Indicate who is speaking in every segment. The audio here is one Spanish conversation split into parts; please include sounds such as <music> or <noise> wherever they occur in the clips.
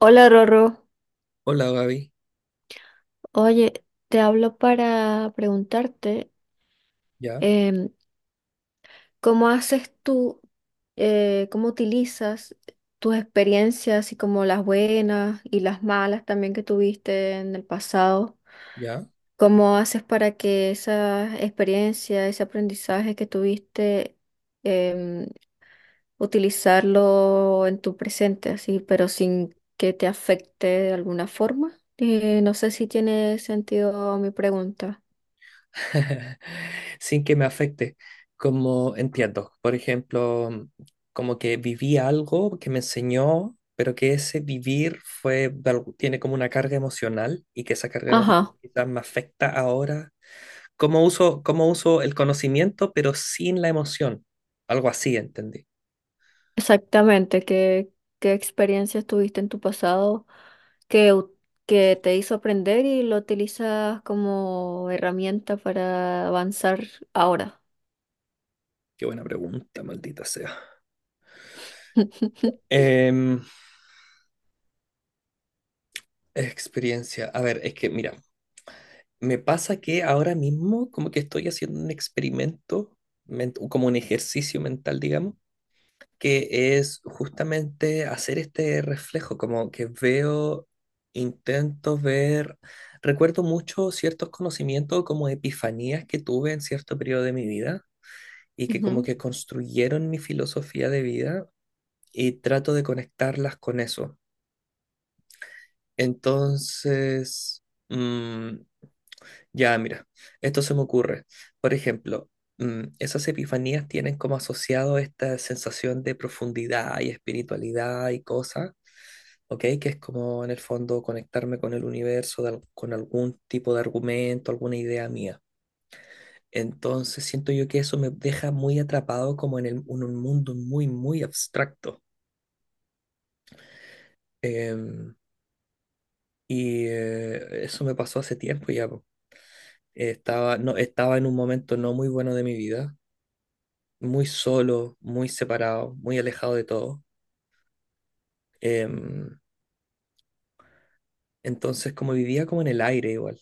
Speaker 1: Hola Rorro,
Speaker 2: Hola Gaby,
Speaker 1: oye, te hablo para preguntarte
Speaker 2: ya,
Speaker 1: em, cómo haces tú, cómo utilizas tus experiencias y como las buenas y las malas también que tuviste en el pasado.
Speaker 2: ya,
Speaker 1: ¿Cómo haces para que esa experiencia, ese aprendizaje que tuviste, em, utilizarlo en tu presente, así, pero sin que te afecte de alguna forma? No sé si tiene sentido mi pregunta.
Speaker 2: <laughs> sin que me afecte, como entiendo, por ejemplo, como que viví algo que me enseñó, pero que ese vivir fue, tiene como una carga emocional y que esa carga emocional
Speaker 1: Ajá,
Speaker 2: quizás me afecta ahora, cómo uso el conocimiento, pero sin la emoción, algo así, entendí.
Speaker 1: exactamente. ¿Qué, qué experiencias tuviste en tu pasado que, que te hizo aprender y lo utilizas como herramienta para avanzar ahora?
Speaker 2: Qué buena pregunta, maldita sea.
Speaker 1: <laughs>
Speaker 2: Em, Experiencia, a ver, es que mira. Me pasa que ahora mismo como que estoy haciendo un experimento, como un ejercicio mental, digamos, que es justamente hacer este reflejo, como que veo, intento ver, recuerdo mucho ciertos conocimientos como epifanías que tuve en cierto periodo de mi vida y que como
Speaker 1: Ujú.
Speaker 2: que construyeron mi filosofía de vida y trato de conectarlas con eso. Entonces... mm, ya, mira, esto se me ocurre. Por ejemplo, esas epifanías tienen como asociado esta sensación de profundidad y espiritualidad y cosas, ¿ok? Que es como en el fondo conectarme con el universo, con algún tipo de argumento, alguna idea mía. Entonces siento yo que eso me deja muy atrapado como en, en un mundo muy, muy abstracto. Em, y eso me pasó hace tiempo ya, po. Estaba, no, estaba en un momento no muy bueno de mi vida, muy solo, muy separado, muy alejado de todo. Em, entonces, como vivía como en el aire igual.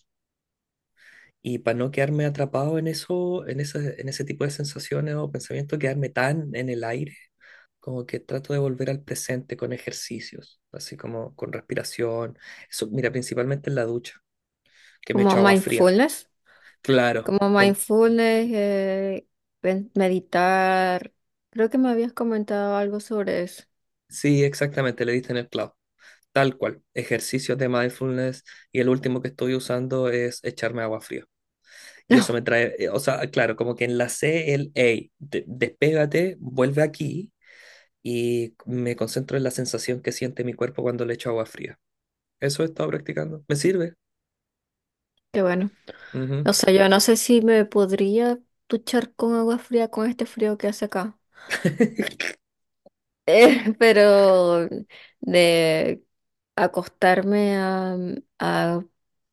Speaker 2: Y para no quedarme atrapado en eso, en ese tipo de sensaciones o pensamientos, quedarme tan en el aire, como que trato de volver al presente con ejercicios, así como con respiración. Eso, mira, principalmente en la ducha, que me
Speaker 1: Como
Speaker 2: echo agua fría.
Speaker 1: mindfulness,
Speaker 2: Claro,
Speaker 1: como mindfulness, meditar. Creo que me habías comentado algo sobre eso. <laughs>
Speaker 2: sí, exactamente, le diste en el clavo. Tal cual, ejercicios de mindfulness y el último que estoy usando es echarme agua fría. Y eso me
Speaker 1: No,
Speaker 2: trae, o sea, claro, como que enlacé el, hey, despégate, vuelve aquí, y me concentro en la sensación que siente mi cuerpo cuando le echo agua fría. Eso he estado practicando. ¿Me sirve?
Speaker 1: qué bueno.
Speaker 2: Ujú.
Speaker 1: O sea, yo no sé si me podría duchar con agua fría con este frío que hace acá.
Speaker 2: <laughs>
Speaker 1: <laughs> Pero de acostarme a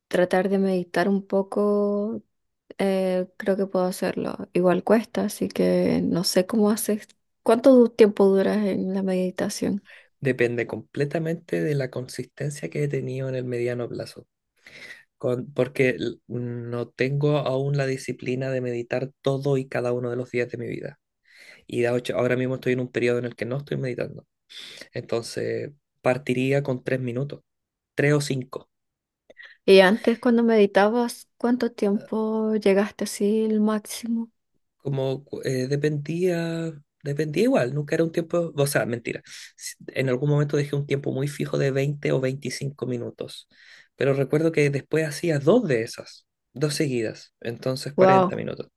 Speaker 1: tratar de meditar un poco, creo que puedo hacerlo. Igual cuesta, así que no sé cómo haces. ¿Cuánto tiempo duras en la meditación?
Speaker 2: Depende completamente de la consistencia que he tenido en el mediano plazo. Porque no tengo aún la disciplina de meditar todo y cada uno de los días de mi vida. Y de hecho, ahora mismo estoy en un periodo en el que no estoy meditando. Entonces, partiría con 3 minutos, tres o cinco.
Speaker 1: Y antes, cuando meditabas, ¿cuánto tiempo llegaste así el máximo?
Speaker 2: Como dependía, igual, nunca era un tiempo, o sea, mentira. En algún momento dejé un tiempo muy fijo de 20 o 25 minutos, pero recuerdo que después hacía dos de esas, dos seguidas, entonces cuarenta
Speaker 1: Wow.
Speaker 2: minutos,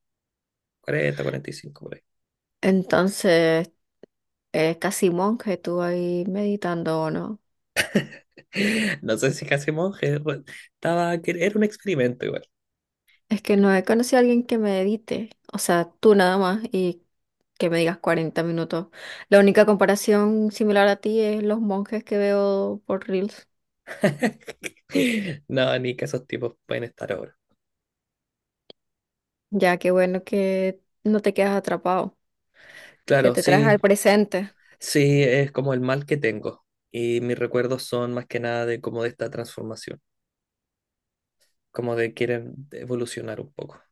Speaker 2: 40, 45 por ahí.
Speaker 1: Entonces, casi monje tú ahí meditando, ¿o no?
Speaker 2: <laughs> No sé si casi monje, estaba, que era un experimento igual.
Speaker 1: Es que no he conocido a alguien que medite, o sea, tú nada más y que me digas 40 minutos. La única comparación similar a ti es los monjes que veo por Reels.
Speaker 2: <laughs> No, ni que esos tipos pueden estar ahora.
Speaker 1: Ya que bueno que no te quedas atrapado, que
Speaker 2: Claro,
Speaker 1: te traes
Speaker 2: sí,
Speaker 1: al presente.
Speaker 2: sí, es como el mal que tengo. Y mis recuerdos son más que nada de como de esta transformación. Como de querer evolucionar un poco,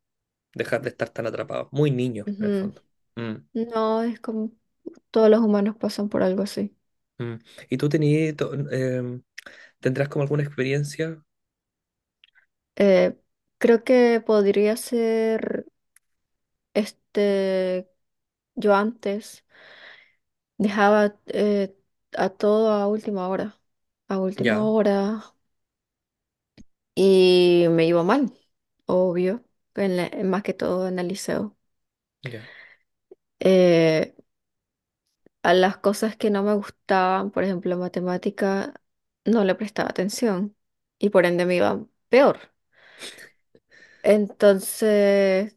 Speaker 2: dejar de estar tan atrapado, muy niño en el
Speaker 1: Ujú.
Speaker 2: fondo. Mm,
Speaker 1: No, es como todos los humanos pasan por algo así.
Speaker 2: mm. ¿Y tú tenías, tendrás como alguna experiencia?
Speaker 1: Eh, creo que podría ser este, yo antes dejaba a todo a última
Speaker 2: Ya,
Speaker 1: hora y me iba mal, obvio, más que todo en el liceo.
Speaker 2: ya,
Speaker 1: Eh, a las cosas que no me gustaban, por ejemplo, matemática, no le prestaba atención y por ende me iba peor. Entonces,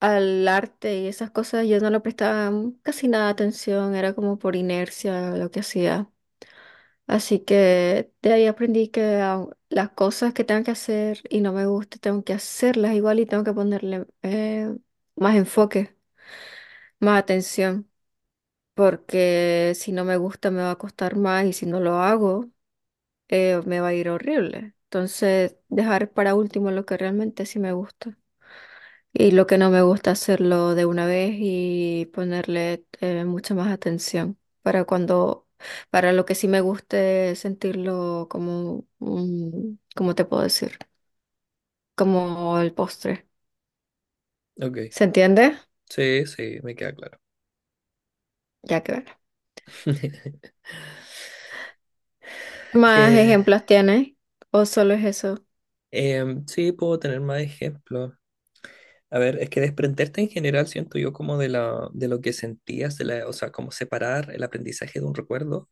Speaker 1: al arte y esas cosas yo no le prestaba casi nada de atención, era como por inercia lo que hacía. Así que de ahí aprendí que las cosas que tengo que hacer y no me guste, tengo que hacerlas igual y tengo que ponerle más enfoque, más atención, porque si no me gusta me va a costar más y si no lo hago me va a ir horrible. Entonces, dejar para último lo que realmente sí me gusta. Y lo que no me gusta hacerlo de una vez y ponerle mucha más atención para cuando, para lo que sí me guste sentirlo como un, ¿cómo te puedo decir? Como el postre.
Speaker 2: ok.
Speaker 1: ¿Se entiende?
Speaker 2: Sí, sí, me queda claro.
Speaker 1: Ya que bueno.
Speaker 2: <laughs>
Speaker 1: ¿Más
Speaker 2: Que
Speaker 1: ejemplos tienes? ¿O solo es eso?
Speaker 2: sí, puedo tener más ejemplos. A ver, es que desprenderte en general siento yo como de, la, de lo que sentías, de la, o sea, como separar el aprendizaje de un recuerdo,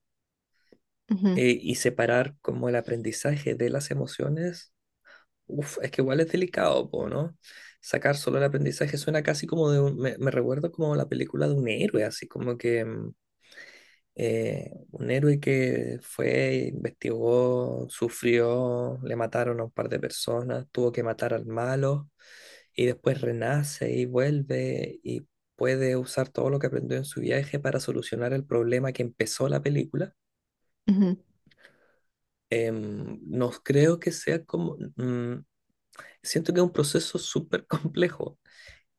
Speaker 1: Ujú,
Speaker 2: y separar como el aprendizaje de las emociones. Uf, es que igual es delicado, po, ¿no? Sacar solo el aprendizaje suena casi como de un, me recuerdo como la película de un héroe, así como que un héroe que fue, investigó, sufrió, le mataron a un par de personas, tuvo que matar al malo y después renace y vuelve y puede usar todo lo que aprendió en su viaje para solucionar el problema que empezó la película.
Speaker 1: ujú.
Speaker 2: No creo que sea como, siento que es un proceso súper complejo.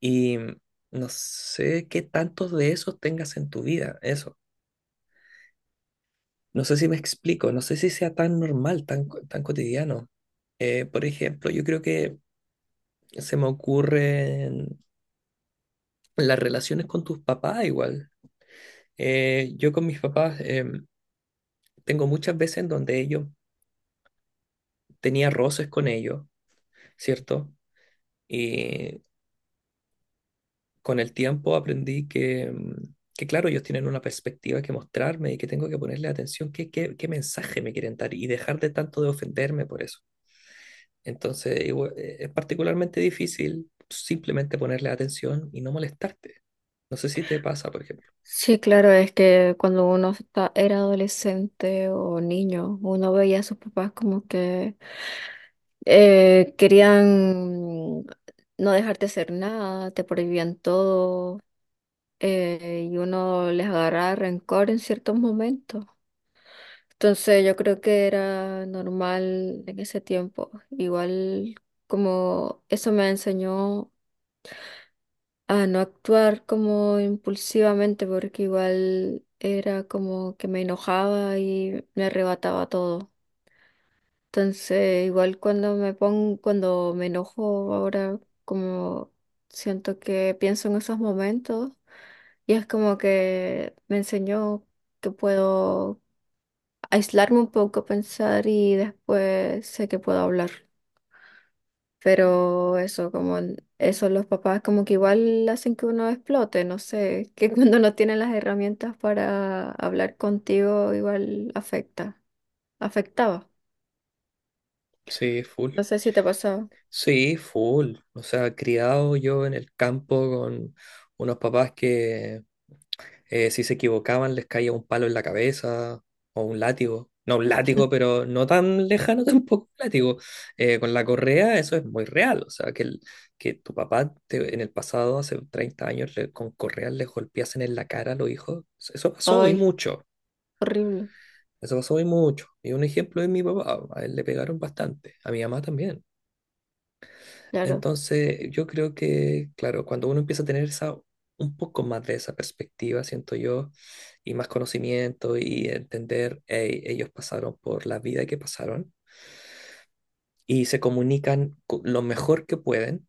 Speaker 2: Y no sé qué tantos de esos tengas en tu vida, eso. No sé si me explico, no sé si sea tan normal, tan, tan cotidiano. Por ejemplo, yo creo que se me ocurren las relaciones con tus papás igual. Yo con mis papás tengo muchas veces en donde ellos tenía roces con ellos, ¿cierto? Y con el tiempo aprendí que, que, claro, ellos tienen una perspectiva que mostrarme y que tengo que ponerle atención qué mensaje me quieren dar y dejar de tanto de ofenderme por eso. Entonces, es particularmente difícil simplemente ponerle atención y no molestarte. No sé si te pasa, por ejemplo.
Speaker 1: Sí, claro, es que cuando era adolescente o niño, uno veía a sus papás como que querían no dejarte hacer nada, te prohibían todo, y uno les agarraba rencor en ciertos momentos. Entonces yo creo que era normal en ese tiempo. Igual como eso me enseñó a no actuar como impulsivamente porque igual era como que me enojaba y me arrebataba todo. Entonces, igual cuando me pongo, cuando me enojo ahora, como siento que pienso en esos momentos y es como que me enseñó que puedo aislarme un poco, pensar y después sé que puedo hablar. Pero eso, como eso, los papás como que igual hacen que uno explote, no sé, que <laughs> cuando no tienen las herramientas para hablar contigo, igual afecta, afectaba.
Speaker 2: Sí, full.
Speaker 1: No sé si te pasaba.
Speaker 2: Sí, full. O sea, criado yo en el campo con unos papás que... si se equivocaban, les caía un palo en la cabeza o un látigo. No, un látigo,
Speaker 1: <laughs>
Speaker 2: pero no tan lejano <laughs> tampoco un látigo. Con la correa eso es muy real. O sea, que, que tu papá en el pasado, hace 30 años, con correas les golpeasen en la cara a los hijos. Eso pasó y
Speaker 1: Ay,
Speaker 2: mucho.
Speaker 1: horrible,
Speaker 2: Eso pasó y mucho. Y un ejemplo es mi papá. A él le pegaron bastante. A mi mamá también.
Speaker 1: claro.
Speaker 2: Entonces, yo creo que, claro, cuando uno empieza a tener esa, un poco más de esa perspectiva, siento yo, y más conocimiento y entender, "Ey, ellos pasaron por la vida que pasaron y se comunican lo mejor que pueden.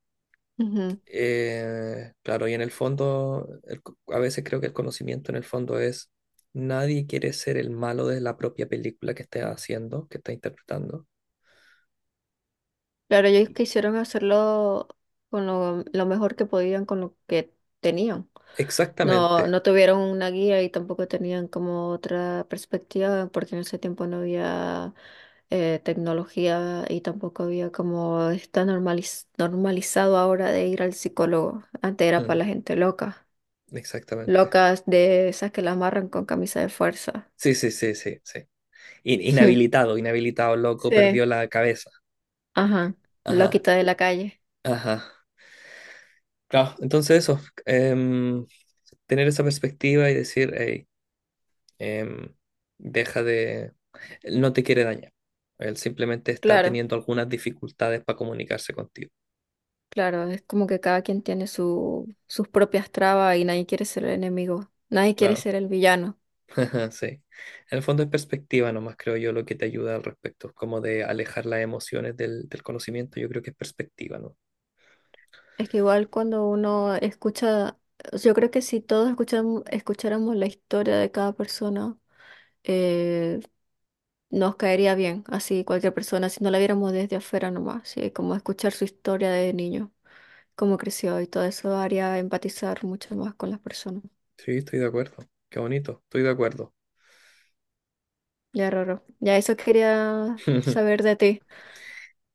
Speaker 1: Ujú.
Speaker 2: Claro, y en el fondo, a veces creo que el conocimiento en el fondo es, nadie quiere ser el malo de la propia película que esté haciendo, que está interpretando.
Speaker 1: Claro, ellos quisieron hacerlo con lo mejor que podían, con lo que tenían. No,
Speaker 2: Exactamente.
Speaker 1: no tuvieron una guía y tampoco tenían como otra perspectiva, porque en ese tiempo no había tecnología y tampoco había como está normalizado ahora de ir al psicólogo. Antes era para
Speaker 2: Mm,
Speaker 1: la gente loca,
Speaker 2: Exactamente.
Speaker 1: locas de esas que la amarran con camisa de fuerza.
Speaker 2: Sí, sí, sí, sí, sí.
Speaker 1: <laughs>
Speaker 2: Inhabilitado loco, perdió
Speaker 1: Sí.
Speaker 2: la cabeza.
Speaker 1: Ajá,
Speaker 2: Ajá,
Speaker 1: loquita de la calle.
Speaker 2: ajá. Claro, entonces eso, em, tener esa perspectiva y decir, hey, em, deja de, él no te quiere dañar. Él simplemente está
Speaker 1: Claro,
Speaker 2: teniendo algunas dificultades para comunicarse contigo.
Speaker 1: claro, es como que cada quien tiene su, sus propias trabas y nadie quiere ser el enemigo, nadie quiere
Speaker 2: Claro,
Speaker 1: ser el villano.
Speaker 2: <laughs> sí. En el fondo es perspectiva nomás, creo yo, lo que te ayuda al respecto, como de alejar las emociones del, del conocimiento, yo creo que es perspectiva, ¿no?
Speaker 1: Es que igual cuando uno escucha, yo creo que si todos escucháramos la historia de cada persona, eh, nos caería bien, así cualquier persona, si no la viéramos desde afuera nomás, sí, como escuchar su historia de niño, cómo creció y todo eso haría empatizar mucho más con las personas.
Speaker 2: Sí, estoy de acuerdo. Qué bonito, estoy de acuerdo.
Speaker 1: Ya, Roro. Ya eso quería
Speaker 2: <laughs>
Speaker 1: saber de ti.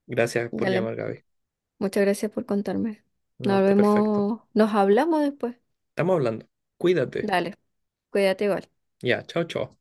Speaker 2: Gracias por
Speaker 1: Dale,
Speaker 2: llamar, Gaby.
Speaker 1: muchas gracias por contarme.
Speaker 2: No,
Speaker 1: Nos
Speaker 2: está perfecto.
Speaker 1: vemos, nos hablamos después.
Speaker 2: Estamos hablando. Cuídate.
Speaker 1: Dale, cuídate igual.
Speaker 2: Ya, chao, chao.